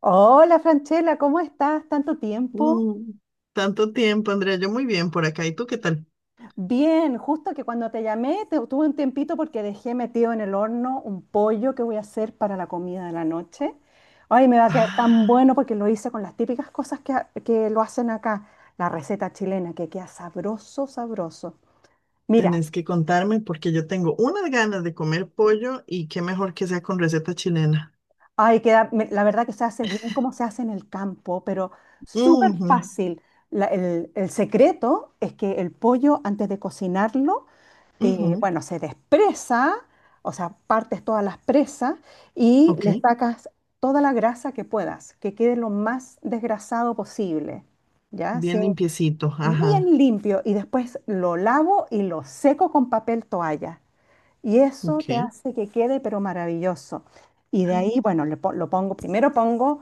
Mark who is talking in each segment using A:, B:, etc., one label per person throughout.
A: Hola Franchela, ¿cómo estás? ¿Tanto tiempo?
B: Mm, tanto tiempo, Andrea. Yo muy bien por acá. ¿Y tú qué tal?
A: Bien, justo que cuando te llamé tuve un tiempito porque dejé metido en el horno un pollo que voy a hacer para la comida de la noche. Ay, me va a quedar tan
B: Ah,
A: bueno porque lo hice con las típicas cosas que, que lo hacen acá, la receta chilena, que queda sabroso, sabroso. Mira,
B: tenés que contarme porque yo tengo unas ganas de comer pollo y qué mejor que sea con receta chilena.
A: ay, queda, la verdad que se hace bien como se hace en el campo, pero súper
B: Ujú.
A: fácil. El secreto es que el pollo, antes de cocinarlo,
B: Ujú.
A: bueno, se despresa, o sea, partes todas las presas y
B: Ok,
A: le sacas toda la grasa que puedas, que quede lo más desgrasado posible, ¿ya?
B: bien
A: Sin,
B: limpiecito. Ajá,
A: bien limpio y después lo lavo y lo seco con papel toalla. Y eso te
B: ok.
A: hace que quede pero maravilloso. Y de ahí, bueno, lo pongo, primero pongo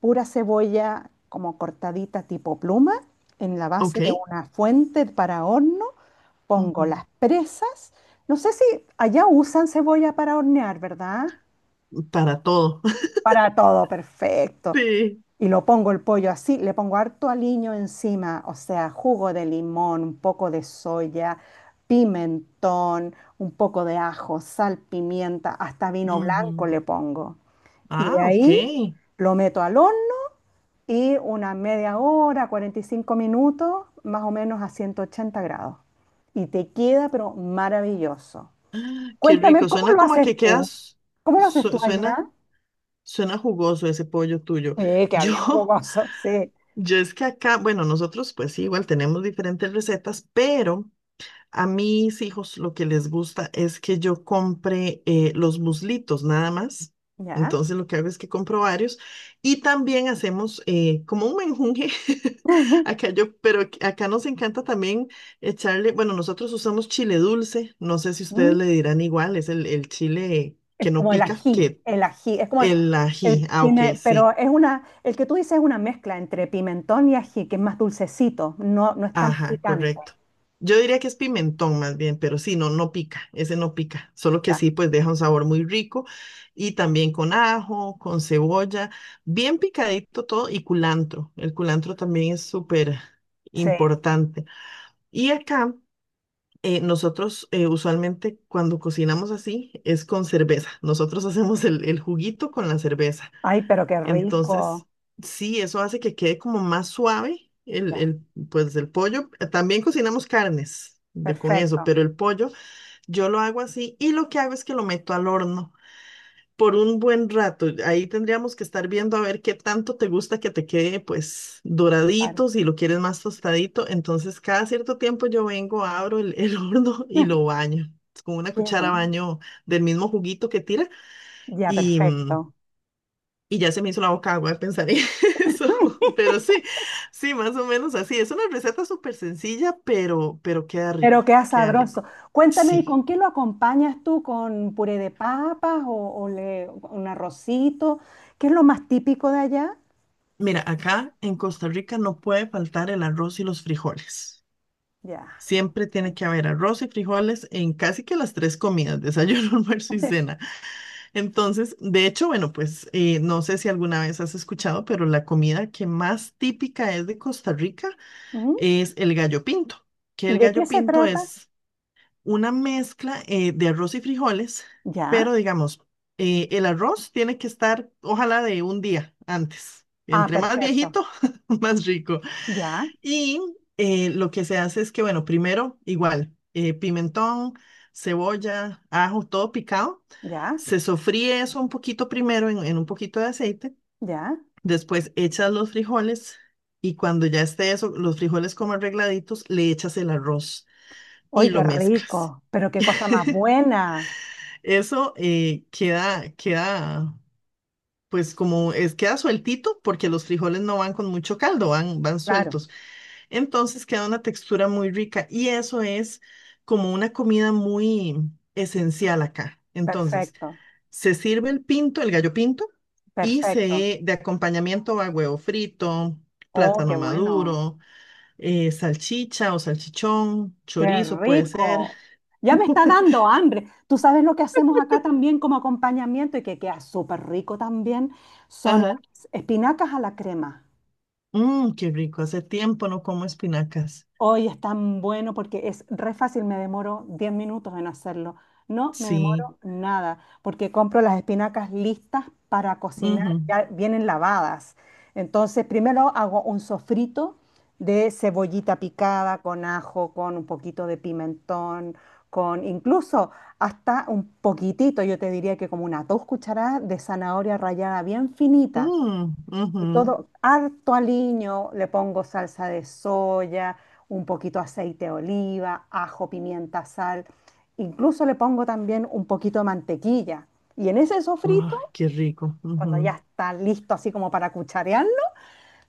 A: pura cebolla como cortadita tipo pluma en la
B: Ok.
A: base de una fuente para horno. Pongo
B: Ujú.
A: las presas. No sé si allá usan cebolla para hornear, ¿verdad?
B: Para todo.
A: Para todo, perfecto.
B: Sí.
A: Y lo pongo el pollo así, le pongo harto aliño encima, o sea, jugo de limón, un poco de soya, pimentón, un poco de ajo, sal, pimienta, hasta vino
B: Ujú.
A: blanco le pongo. Y de
B: Ah, ok.
A: ahí lo meto al horno y una media hora, 45 minutos, más o menos a 180 grados. Y te queda, pero maravilloso.
B: Qué
A: Cuéntame,
B: rico.
A: ¿cómo
B: Suena
A: lo
B: como a
A: haces
B: que
A: tú?
B: quedas,
A: ¿Cómo lo haces tú
B: su-
A: allá?
B: suena, suena jugoso ese pollo tuyo.
A: Que
B: Yo.
A: había jugoso, sí.
B: Yo es que acá, bueno, nosotros pues sí, igual tenemos diferentes recetas, pero a mis hijos lo que les gusta es que yo compre los muslitos nada más.
A: ¿Ya?
B: Entonces lo que hago es que compro varios y también hacemos como un menjunje. Acá yo, pero acá nos encanta también echarle, bueno, nosotros usamos chile dulce, no sé si
A: Mm,
B: ustedes le dirán igual, es el chile
A: es
B: que no
A: como
B: pica, que
A: el ají, es como el,
B: el ají. Ah, ok,
A: pero
B: sí.
A: es una, el que tú dices es una mezcla entre pimentón y ají, que es más dulcecito, no, no es tan
B: Ajá,
A: picante.
B: correcto. Yo diría que es pimentón más bien, pero sí, no, no pica, ese no pica, solo que
A: Ya,
B: sí, pues deja un sabor muy rico y también con ajo, con cebolla, bien picadito todo y culantro. El culantro también es súper
A: sí,
B: importante. Y acá nosotros usualmente cuando cocinamos así es con cerveza. Nosotros hacemos el juguito con la cerveza.
A: ay, pero qué
B: Entonces,
A: rico.
B: sí, eso hace que quede como más suave
A: Ya,
B: pues el pollo. También cocinamos carnes de, con eso,
A: perfecto,
B: pero el pollo yo lo hago así y lo que hago es que lo meto al horno por un buen rato. Ahí tendríamos que estar viendo a ver qué tanto te gusta que te quede pues
A: claro.
B: doradito, si lo quieres más tostadito. Entonces, cada cierto tiempo yo vengo, abro el horno y lo baño. Con una
A: Qué
B: cuchara
A: bueno.
B: baño del mismo juguito que tira
A: Ya,
B: y mm,
A: perfecto.
B: y ya se me hizo la boca agua de pensar en eso. Pero sí, sí, más o menos así. Es una receta súper sencilla, pero queda
A: Pero
B: rico,
A: queda
B: queda
A: sabroso.
B: rico.
A: Cuéntame, ¿y
B: Sí.
A: con qué lo acompañas tú? ¿Con puré de papas o, un arrocito? ¿Qué es lo más típico de allá?
B: Mira, acá en Costa Rica no puede faltar el arroz y los frijoles.
A: Ya.
B: Siempre tiene que haber arroz y frijoles en casi que las tres comidas, desayuno, almuerzo y cena. Entonces, de hecho, bueno, pues no sé si alguna vez has escuchado, pero la comida que más típica es de Costa Rica
A: ¿Mm?
B: es el gallo pinto, que
A: ¿Y
B: el
A: de qué
B: gallo
A: se
B: pinto
A: trata?
B: es una mezcla de arroz y frijoles,
A: Ya.
B: pero digamos, el arroz tiene que estar, ojalá, de un día antes.
A: Ah,
B: Entre más
A: perfecto.
B: viejito, más rico.
A: Ya,
B: Y lo que se hace es que, bueno, primero, igual, pimentón, cebolla, ajo, todo picado.
A: ya,
B: Se sofríe eso un poquito primero en un poquito de aceite.
A: ya.
B: Después echas los frijoles y cuando ya esté eso, los frijoles como arregladitos, le echas el arroz y
A: ¡Uy, qué
B: lo mezclas.
A: rico! Pero qué cosa más buena.
B: Eso queda, pues como es, queda sueltito porque los frijoles no van con mucho caldo, van
A: Claro,
B: sueltos. Entonces queda una textura muy rica y eso es como una comida muy esencial acá. Entonces,
A: perfecto,
B: se sirve el pinto, el gallo pinto, y
A: perfecto.
B: se, de acompañamiento va huevo frito,
A: Oh,
B: plátano
A: qué bueno.
B: maduro, salchicha o salchichón,
A: Qué
B: chorizo puede ser.
A: rico. Ya me está dando hambre. Tú sabes lo que hacemos acá también como acompañamiento y que queda súper rico también, son
B: Ajá.
A: las espinacas a la crema.
B: Mmm, qué rico. Hace tiempo no como espinacas.
A: Hoy es tan bueno porque es re fácil, me demoro 10 minutos en hacerlo. No me
B: Sí.
A: demoro nada, porque compro las espinacas listas para cocinar,
B: Ujú.
A: ya vienen lavadas. Entonces, primero hago un sofrito de cebollita picada con ajo, con un poquito de pimentón, con incluso hasta un poquitito, yo te diría que como una 2 cucharadas de zanahoria rallada bien finita.
B: Mm,
A: Y
B: ujú.
A: todo, harto aliño, le pongo salsa de soya, un poquito aceite de oliva, ajo, pimienta, sal. Incluso le pongo también un poquito de mantequilla. Y en ese sofrito,
B: Ay, qué rico.
A: cuando
B: Ujú.
A: ya está listo así como para cucharearlo,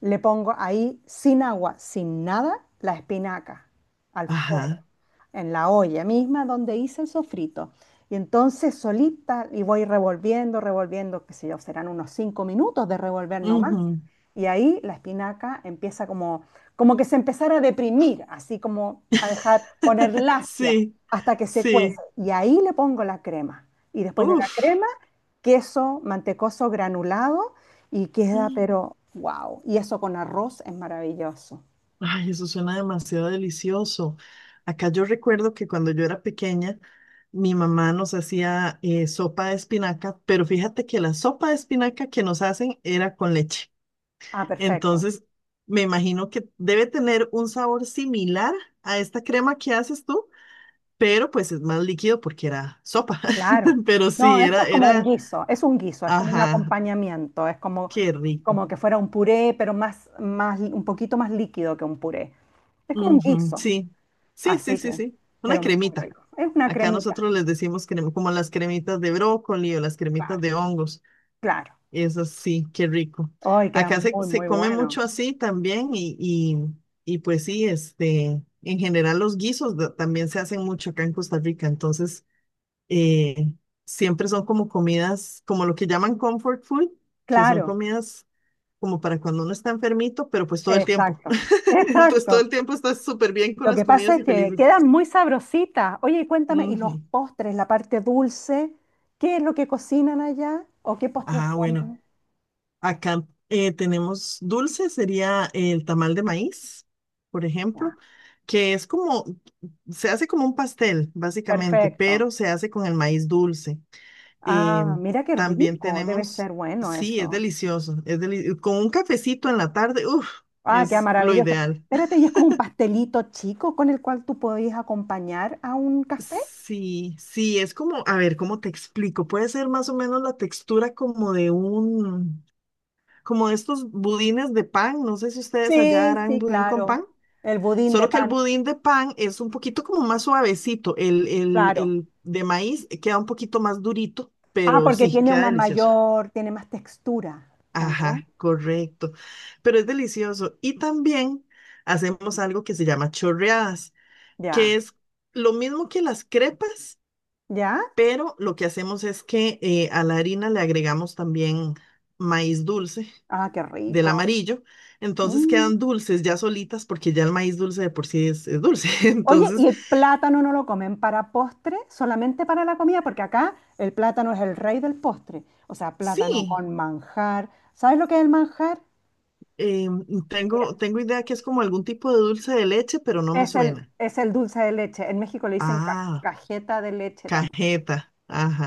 A: le pongo ahí sin agua, sin nada, la espinaca al fuego
B: Ajá.
A: en la olla misma donde hice el sofrito. Y entonces solita y voy revolviendo, revolviendo, qué sé yo, serán unos 5 minutos de revolver nomás.
B: Ujú.
A: Y ahí la espinaca empieza como, como que se empezara a deprimir, así como a dejar poner lacia
B: Sí,
A: hasta que se cuece.
B: sí.
A: Y ahí le pongo la crema. Y después de la
B: Uf.
A: crema, queso mantecoso granulado y queda,
B: Mm.
A: pero wow. Y eso con arroz es maravilloso.
B: Ay, eso suena demasiado delicioso. Acá yo recuerdo que cuando yo era pequeña, mi mamá nos hacía sopa de espinaca, pero fíjate que la sopa de espinaca que nos hacen era con leche.
A: Ah, perfecto.
B: Entonces, me imagino que debe tener un sabor similar a esta crema que haces tú. Pero pues es más líquido porque era sopa.
A: Claro.
B: Pero sí,
A: No, esto
B: era,
A: es como un guiso, es como un
B: ajá,
A: acompañamiento, es como,
B: qué rico.
A: como que fuera un puré, pero más, más, un poquito más líquido que un puré. Es como un
B: Ujú,
A: guiso,
B: sí, sí, sí,
A: así
B: sí,
A: que,
B: sí. Una
A: pero muy
B: cremita.
A: rico. Es una
B: Acá
A: cremita,
B: nosotros les decimos crema, como las cremitas de brócoli o las cremitas
A: claro,
B: de hongos.
A: claro.
B: Esas sí, qué rico.
A: Ay, queda
B: Acá se,
A: muy,
B: se
A: muy
B: come mucho
A: bueno.
B: así también y, pues sí, este, en general los guisos también se hacen mucho acá en Costa Rica. Entonces, eh, siempre son como comidas, como lo que llaman comfort food, que son
A: Claro,
B: comidas como para cuando uno está enfermito, pero pues todo el tiempo.
A: exacto,
B: Entonces todo
A: exacto.
B: el tiempo estás súper bien con
A: Lo
B: las
A: que pasa
B: comidas
A: es
B: y
A: que
B: felices.
A: quedan muy sabrositas. Oye, y cuéntame, ¿y los
B: Ujú.
A: postres, la parte dulce? ¿Qué es lo que cocinan allá o qué postres
B: Ah, bueno,
A: comen?
B: acá tenemos dulce, sería el tamal de maíz, por ejemplo,
A: Ya,
B: que es como, se hace como un pastel, básicamente,
A: perfecto.
B: pero se hace con el maíz dulce. Eh,
A: Ah, mira qué
B: también
A: rico, debe
B: tenemos,
A: ser bueno
B: sí, es
A: eso.
B: delicioso, con un cafecito en la tarde, uff,
A: Ah, qué
B: es lo
A: maravilloso.
B: ideal.
A: Espérate, ¿y es como un pastelito chico con el cual tú podías acompañar a un café?
B: Sí, sí, es como, a ver, ¿cómo te explico? Puede ser más o menos la textura como de un, como de estos budines de pan, no sé si ustedes allá
A: Sí,
B: harán
A: sí,
B: budín con
A: claro.
B: pan,
A: El budín de
B: solo que el
A: pan,
B: budín de pan es un poquito como más suavecito, el, el,
A: claro.
B: el de maíz queda un poquito más durito,
A: Ah,
B: pero
A: porque
B: sí,
A: tiene
B: queda
A: una
B: delicioso.
A: mayor, tiene más textura, ¿o no?
B: Ajá, correcto. Pero es delicioso. Y también hacemos algo que se llama chorreadas, que
A: Ya,
B: es lo mismo que las crepas,
A: ya.
B: pero lo que hacemos es que a la harina le agregamos también maíz dulce
A: Ah, qué
B: del
A: rico.
B: amarillo. Entonces
A: Mm.
B: quedan dulces ya solitas porque ya el maíz dulce de por sí es dulce.
A: Oye, ¿y
B: Entonces,
A: el plátano no lo comen para postre? Solamente para la comida, porque acá el plátano es el rey del postre. O sea, plátano
B: sí,
A: con manjar. ¿Sabes lo que es el manjar?
B: eh,
A: Mira,
B: tengo idea que es como algún tipo de dulce de leche, pero no me suena.
A: es el dulce de leche. En México le dicen
B: Ah,
A: cajeta de leche también.
B: cajeta.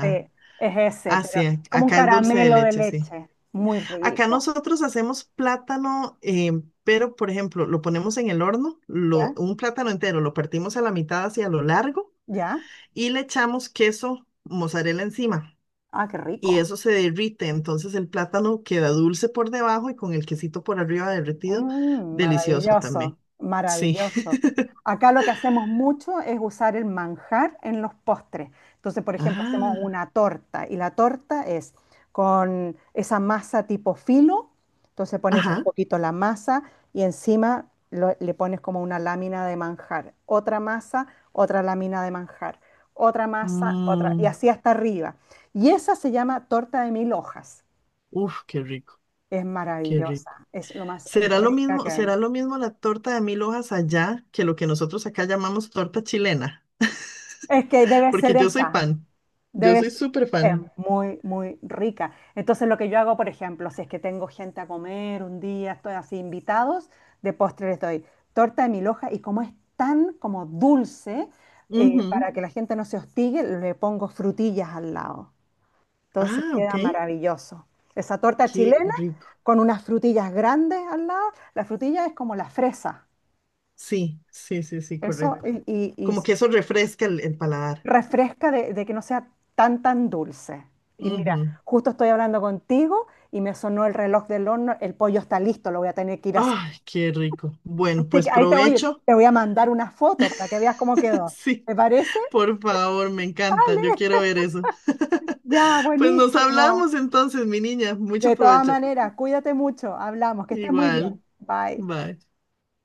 A: Sí, es ese,
B: Así
A: pero
B: es,
A: como un
B: acá es dulce de
A: caramelo de
B: leche, sí.
A: leche. Muy
B: Acá
A: rico.
B: nosotros hacemos plátano, pero por ejemplo, lo ponemos en el horno,
A: ¿Ya?
B: un plátano entero, lo partimos a la mitad hacia lo largo
A: ¿Ya?
B: y le echamos queso mozzarella encima.
A: Ah, qué
B: Y
A: rico.
B: eso se derrite, entonces el plátano queda dulce por debajo y con el quesito por arriba derretido,
A: Mm,
B: delicioso
A: maravilloso,
B: también. Sí.
A: maravilloso. Acá lo que hacemos mucho es usar el manjar en los postres. Entonces, por ejemplo, hacemos
B: Ah,
A: una torta y la torta es con esa masa tipo filo. Entonces pones un
B: ajá.
A: poquito la masa y encima le pones como una lámina de manjar. Otra masa, otra lámina de manjar. Otra masa, otra. Y
B: Mm,
A: así hasta arriba. Y esa se llama torta de mil hojas.
B: uf, qué rico,
A: Es
B: qué rico.
A: maravillosa. Es lo más rica que hay.
B: Será lo mismo la torta de mil hojas allá que lo que nosotros acá llamamos torta chilena?
A: Es que debe
B: Porque
A: ser
B: yo soy
A: esa,
B: fan. Yo
A: debe
B: soy
A: ser,
B: súper
A: es
B: fan.
A: muy, muy rica. Entonces lo que yo hago, por ejemplo, si es que tengo gente a comer un día, estoy así invitados, de postre les doy torta de mil hojas y como es tan como dulce,
B: Ujú.
A: para que la gente no se hostigue, le pongo frutillas al lado. Entonces
B: Ah,
A: queda
B: ok.
A: maravilloso. Esa torta
B: Qué
A: chilena
B: rico.
A: con unas frutillas grandes al lado, la frutilla es como la fresa.
B: Sí, sí, sí, sí,
A: Eso,
B: correcto.
A: y, y
B: Como que eso refresca el paladar.
A: refresca de que no sea tan, tan dulce. Y mira,
B: Ujú.
A: justo estoy hablando contigo y me sonó el reloj del horno, el pollo está listo, lo voy a tener que ir a hacer.
B: Ay, qué rico. Bueno,
A: Así
B: pues
A: que ahí
B: provecho.
A: te voy a mandar una foto para que veas cómo quedó.
B: Sí,
A: ¿Te parece?
B: por favor, me encanta.
A: Vale,
B: Yo quiero ver eso.
A: ya,
B: Pues nos
A: buenísimo.
B: hablamos entonces, mi niña. Mucho
A: De todas
B: provecho.
A: maneras, cuídate mucho, hablamos, que estés muy
B: Igual.
A: bien. Bye.
B: Bye.